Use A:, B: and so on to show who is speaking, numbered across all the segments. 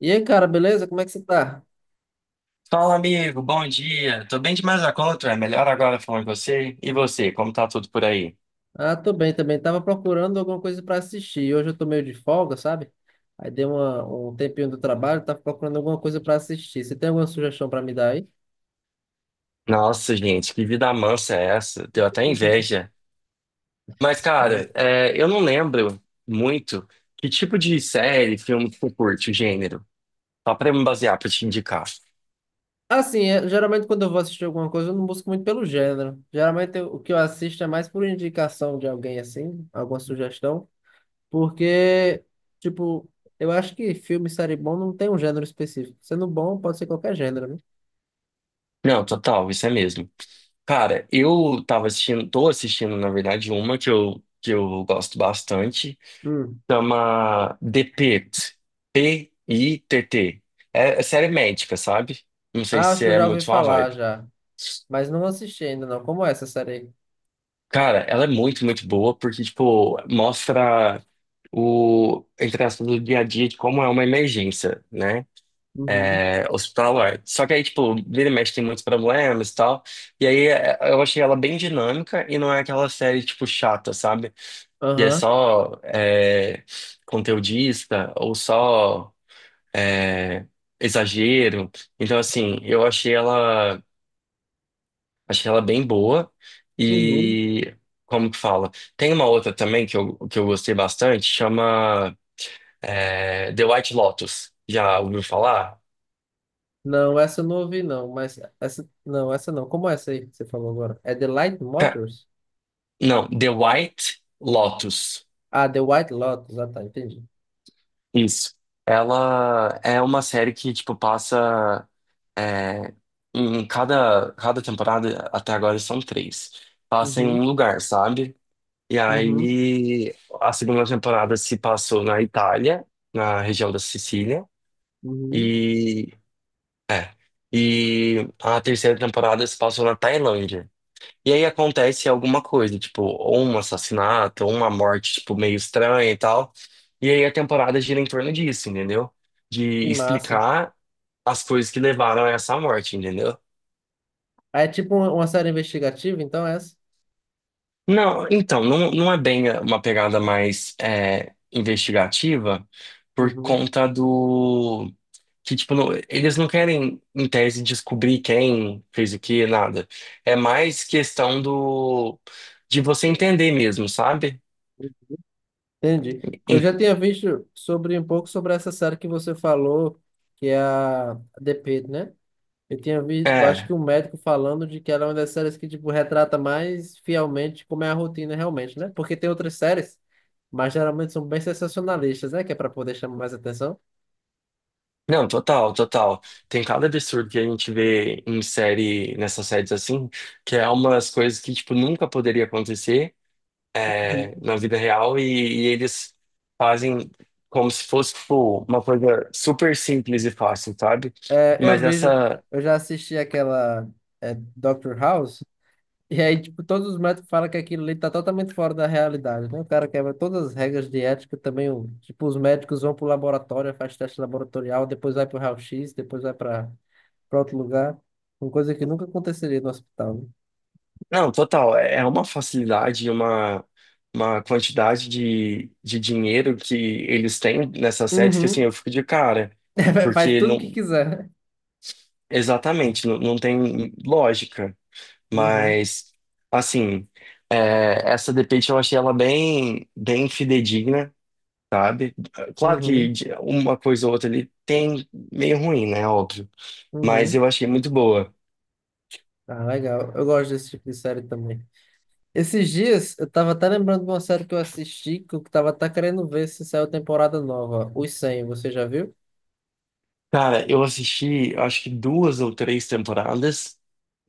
A: E aí, cara, beleza? Como é que você tá?
B: Fala, amigo, bom dia. Tô bem demais da conta, é melhor agora falando com você. E você, como tá tudo por aí?
A: Ah, tô bem também. Tava procurando alguma coisa pra assistir. Hoje eu tô meio de folga, sabe? Aí um tempinho do trabalho, tava procurando alguma coisa pra assistir. Você tem alguma sugestão pra me dar aí?
B: Nossa, gente, que vida mansa é essa? Deu até inveja. Mas,
A: É,
B: cara, eu não lembro muito que tipo de série, filme que tu curte, o gênero. Só pra eu me basear, pra te indicar.
A: assim, geralmente quando eu vou assistir alguma coisa, eu não busco muito pelo gênero. O que eu assisto é mais por indicação de alguém, assim, alguma sugestão. Porque, tipo, eu acho que filme e série bom não tem um gênero específico. Sendo bom, pode ser qualquer gênero, né?
B: Não, total, isso é mesmo. Cara, eu tava assistindo, tô assistindo, na verdade, uma que que eu gosto bastante.
A: Hum.
B: Chama The Pitt. Pitt. É série médica, sabe? Não sei
A: Ah, acho
B: se
A: que eu
B: é
A: já ouvi
B: muito sua
A: falar
B: vibe.
A: já. Mas não assisti ainda, não. Como é essa série aí?
B: Cara, ela é muito, muito boa porque, tipo, mostra o, entre aspas, do dia a dia de como é uma emergência, né?
A: Uhum.
B: É, hospitalar. Só que aí, tipo, vira e mexe tem muitos problemas e tal. E aí eu achei ela bem dinâmica e não é aquela série, tipo, chata, sabe? Que é
A: Aham.
B: só conteudista ou só. é, exagero. Então, assim, eu achei ela bem boa.
A: Uhum.
B: E como que fala? Tem uma outra também que que eu gostei bastante, chama The White Lotus. Já ouviu falar?
A: Não, essa eu não ouvi, não. Mas essa. Não, essa não. Como é essa aí que você falou agora? É The Light
B: Ca-
A: Motors?
B: Não, The White Lotus.
A: Ah, The White Lotus. Ah, tá, entendi.
B: Isso. Ela é uma série que, tipo, passa. é, em cada temporada, até agora são três. Passa em
A: Uhum.
B: um lugar, sabe? E
A: Uhum.
B: aí a segunda temporada se passou na Itália, na região da Sicília,
A: Uhum.
B: e é. E a terceira temporada se passou na Tailândia. E aí acontece alguma coisa, tipo, ou um assassinato, ou uma morte, tipo, meio estranha e tal. E aí a temporada gira em torno disso, entendeu? De
A: Que massa.
B: explicar as coisas que levaram a essa morte, entendeu?
A: Ah, é tipo uma série investigativa, então é essa?
B: Não, então, não, não é bem uma pegada mais investigativa por
A: Uhum.
B: conta do que, tipo, eles não querem, em tese, descobrir quem fez o que, nada. É mais questão do de você entender mesmo, sabe?
A: Entendi. Eu já
B: Em-
A: tinha visto sobre um pouco sobre essa série que você falou, que é a The Pitt, né? Eu tinha visto, eu acho que
B: É,
A: um médico falando de que ela é uma das séries que, tipo, retrata mais fielmente como é a rotina realmente, né? Porque tem outras séries, mas geralmente são bem sensacionalistas, né? Que é pra poder chamar mais atenção.
B: não, total, total. Tem cada absurdo que a gente vê em série, nessas séries assim, que é umas coisas que, tipo, nunca poderia acontecer.
A: Uhum.
B: é, na vida real e eles fazem como se fosse, tipo, uma coisa super simples e fácil, sabe?
A: É, eu
B: Mas
A: vejo,
B: essa,
A: eu já assisti aquela Doctor House, e aí, tipo, todos os médicos falam que aquilo ali tá totalmente fora da realidade, né? O cara quebra todas as regras de ética também, o, tipo, os médicos vão pro laboratório, faz teste laboratorial, depois vai pro raio-x, depois vai pra para outro lugar. Uma coisa que nunca aconteceria no hospital, né?
B: não, total, é uma facilidade, e uma quantidade de dinheiro que eles têm nessas séries que, assim,
A: Uhum.
B: eu fico de cara,
A: Faz
B: porque
A: tudo que
B: não,
A: quiser, né?
B: exatamente, não, não tem lógica,
A: Uhum.
B: mas, assim, essa The Pitt eu achei ela bem, bem fidedigna, sabe? Claro que
A: Uhum.
B: uma coisa ou outra ali tem meio ruim, né? Óbvio. Mas
A: Uhum.
B: eu achei muito boa.
A: Ah, legal. Eu gosto desse tipo de série também. Esses dias, eu tava até lembrando de uma série que eu assisti, que eu tava até querendo ver se saiu temporada nova. Os 100, você já viu?
B: Cara, eu assisti, eu acho que duas ou três temporadas.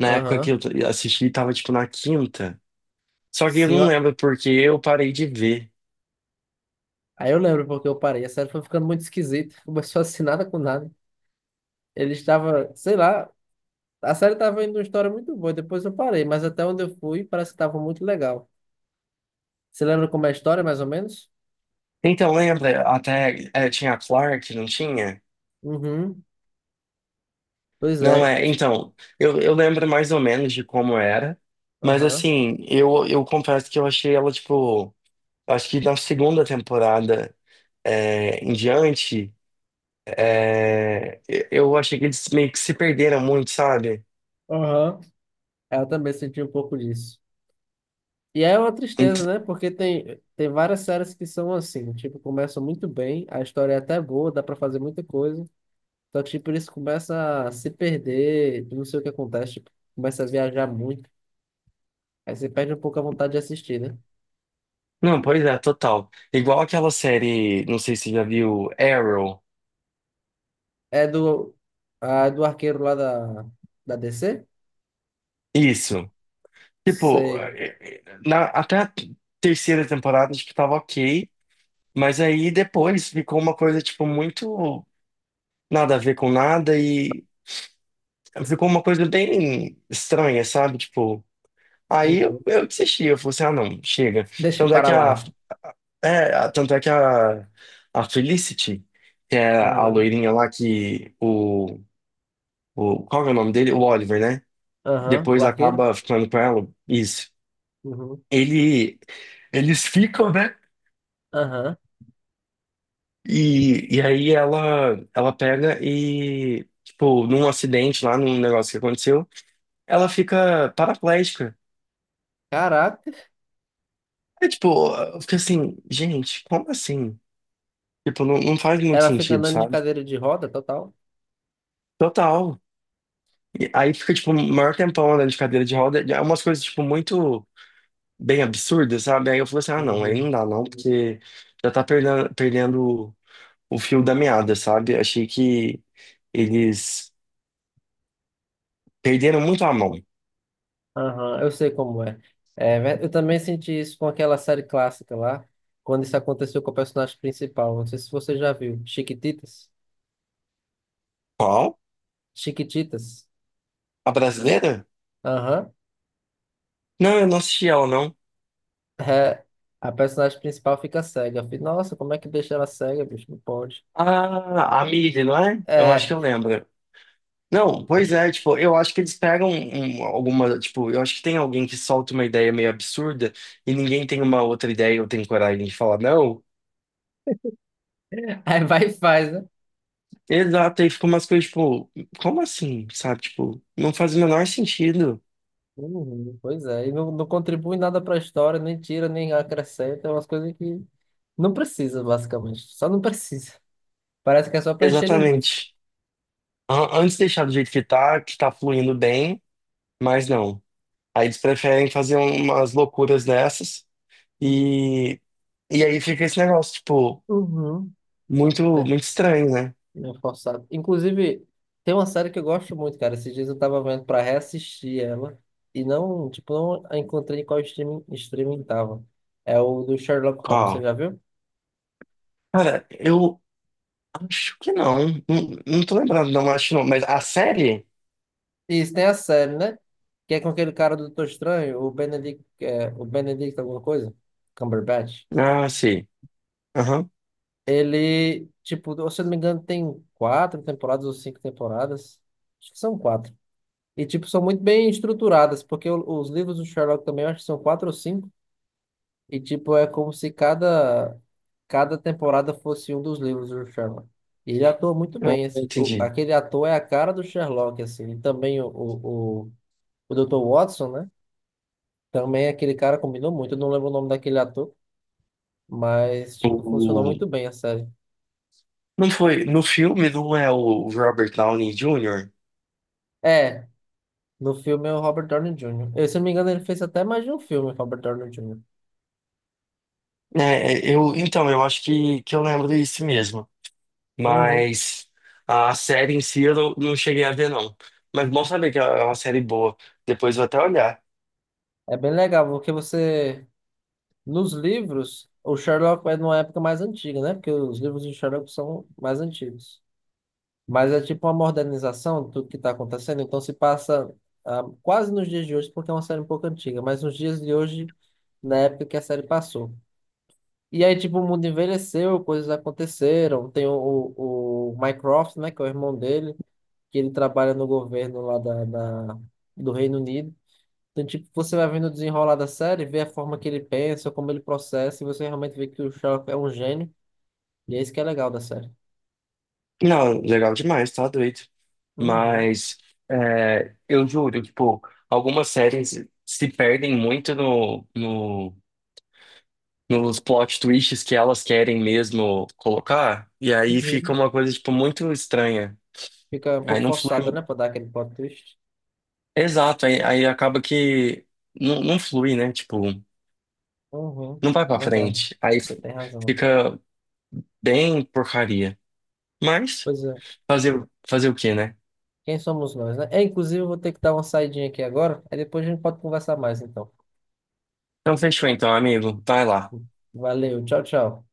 B: Na época que
A: Aham.
B: eu assisti, tava tipo na quinta. Só que eu
A: Sim,
B: não
A: ó.
B: lembro porque eu parei de ver.
A: Aí eu lembro porque eu parei. A série foi ficando muito esquisita. Começou assim, nada com nada. Ele estava, sei lá, a série tava indo uma história muito boa. Depois eu parei, mas até onde eu fui, parece que tava muito legal. Você lembra como é a história, mais ou menos?
B: Então, lembra? Até tinha a Clark, não tinha?
A: Uhum. Pois
B: Não,
A: é.
B: é.
A: Tipo,
B: Então, eu lembro mais ou menos de como era. Mas
A: aham.
B: assim, eu confesso que eu achei ela, tipo. Acho que na segunda temporada em diante, eu achei que eles meio que se perderam muito, sabe?
A: Aham. Eu também senti um pouco disso. E é uma tristeza,
B: Ent-
A: né? Porque tem, tem várias séries que são assim, tipo, começam muito bem, a história é até boa, dá pra fazer muita coisa, só que, tipo, isso começa a se perder, eu não sei o que acontece, tipo, começa a viajar muito, aí você perde um pouco a vontade de assistir, né?
B: Não, pois é, total. Igual aquela série, não sei se você já viu, Arrow.
A: É do, a, do arqueiro lá da, da DC?
B: Isso. Tipo,
A: Sei.
B: até a terceira temporada acho que tava ok, mas aí depois ficou uma coisa, tipo, muito nada a ver com nada e ficou uma coisa bem estranha, sabe? Tipo. Aí eu,
A: Uhum.
B: eu desisti, eu falei assim, ah não, chega.
A: Deixa
B: Tanto é
A: para
B: que a,
A: lá.
B: tanto é que a Felicity, que é a
A: Aham.
B: loirinha lá qual que é o nome dele? O Oliver, né?
A: Aham, o
B: Depois
A: arqueiro?
B: acaba ficando com ela, isso.
A: Uhum.
B: Ele, eles ficam, né?
A: Aham.
B: E aí ela pega e, tipo, num acidente lá, num negócio que aconteceu, ela fica paraplégica.
A: Caraca.
B: É tipo, eu fiquei assim, gente, como assim? Tipo, não, não faz muito
A: Ela fica
B: sentido,
A: andando de
B: sabe?
A: cadeira de roda, total.
B: Total. E aí fica, tipo, um maior tempão andando de cadeira de roda. É umas coisas, tipo, muito bem absurdas, sabe? Aí eu falei assim, ah, não, aí
A: Uhum.
B: não dá não, porque já tá perdendo, perdendo o fio da meada, sabe? Achei que eles perderam muito a mão.
A: Aham, eu sei como é. É, eu também senti isso com aquela série clássica lá, quando isso aconteceu com o personagem principal. Não sei se você já viu. Chiquititas?
B: Qual?
A: Chiquititas?
B: A brasileira?
A: Aham.
B: Não, eu não assisti ela, não.
A: É, a personagem principal fica cega. Eu falei, nossa, como é que deixa ela cega, bicho? Não pode.
B: Ah, a Miri, não é? Eu acho que
A: É,
B: eu lembro. Não, pois é, tipo, eu acho que eles pegam alguma, tipo, eu acho que tem alguém que solta uma ideia meio absurda e ninguém tem uma outra ideia ou tem coragem de falar não.
A: aí vai e faz, né?
B: Exato, aí fica umas coisas tipo, como assim, sabe? Tipo, não faz o menor sentido.
A: Uhum, pois é, e não, não contribui nada para a história, nem tira, nem acrescenta, é umas coisas que não precisa, basicamente. Só não precisa. Parece que é só para encher linguiça.
B: Exatamente. Antes deixar do jeito que tá, fluindo bem, mas não. Aí eles preferem fazer umas loucuras dessas e, e aí fica esse negócio, tipo,
A: Uhum.
B: muito,
A: É,
B: muito estranho, né?
A: meio forçado. Inclusive, tem uma série que eu gosto muito, cara. Esses dias eu tava vendo pra reassistir ela e não, tipo, não a encontrei em qual streaming tava. É o do Sherlock Holmes, você
B: Qual?
A: já viu?
B: Cara, acho que não. Não, não tô lembrado, não, acho que não. Mas a série?
A: Isso, tem a série, né? Que é com aquele cara do Doutor Estranho, o Benedict, é, o Benedict alguma coisa? Cumberbatch.
B: Ah, sim. Aham.
A: Ele, tipo, se eu não me engano, tem quatro temporadas ou cinco temporadas. Acho que são quatro. E, tipo, são muito bem estruturadas, porque os livros do Sherlock também eu acho que são quatro ou cinco. E, tipo, é como se cada temporada fosse um dos livros do Sherlock. E ele atua muito
B: Ah,
A: bem.
B: entendi.
A: Aquele ator é a cara do Sherlock, assim. E também o Dr. Watson, né? Também é aquele cara, combinou muito. Eu não lembro o nome daquele ator, mas, tipo, funcionou
B: O...
A: muito bem a série.
B: Não foi. No filme não é o Robert Downey Jr.?
A: É, no filme é o Robert Downey Jr. Eu, se não me engano, ele fez até mais de um filme, Robert Downey Jr.
B: É, eu, então, eu acho que eu lembro disso mesmo.
A: Uhum.
B: Mas a série em si eu não cheguei a ver, não. Mas bom saber que é uma série boa. Depois eu vou até olhar.
A: É bem legal, porque você, nos livros, o Sherlock é numa época mais antiga, né? Porque os livros de Sherlock são mais antigos. Mas é tipo uma modernização do que está acontecendo, então se passa ah, quase nos dias de hoje, porque é uma série um pouco antiga, mas nos dias de hoje, na época que a série passou. E aí, tipo, o mundo envelheceu, coisas aconteceram. Tem o Mycroft, né, que é o irmão dele que ele trabalha no governo lá da do Reino Unido. Então, tipo, você vai vendo o desenrolar da série, vê a forma que ele pensa, como ele processa, e você realmente vê que o Sherlock é um gênio, e é isso que é legal da série.
B: Não, legal demais, tá doido.
A: Uhum.
B: Mas eu juro, tipo, algumas séries se perdem muito nos plot twists que elas querem mesmo colocar, e aí fica
A: Uhum.
B: uma coisa, tipo, muito estranha.
A: Fica um
B: Aí
A: pouco
B: não
A: forçada, né,
B: flui.
A: pra dar aquele plot twist.
B: Exato, aí acaba que não flui, né? Tipo,
A: Uhum.
B: não vai pra
A: Verdade.
B: frente. Aí
A: Você tem razão.
B: fica bem porcaria. Mas
A: Pois é.
B: fazer, fazer o quê, né?
A: Quem somos nós, né? É, inclusive, eu vou ter que dar uma saidinha aqui agora, aí depois a gente pode conversar mais, então.
B: Então fechou então, amigo. Vai lá.
A: Valeu, tchau, tchau.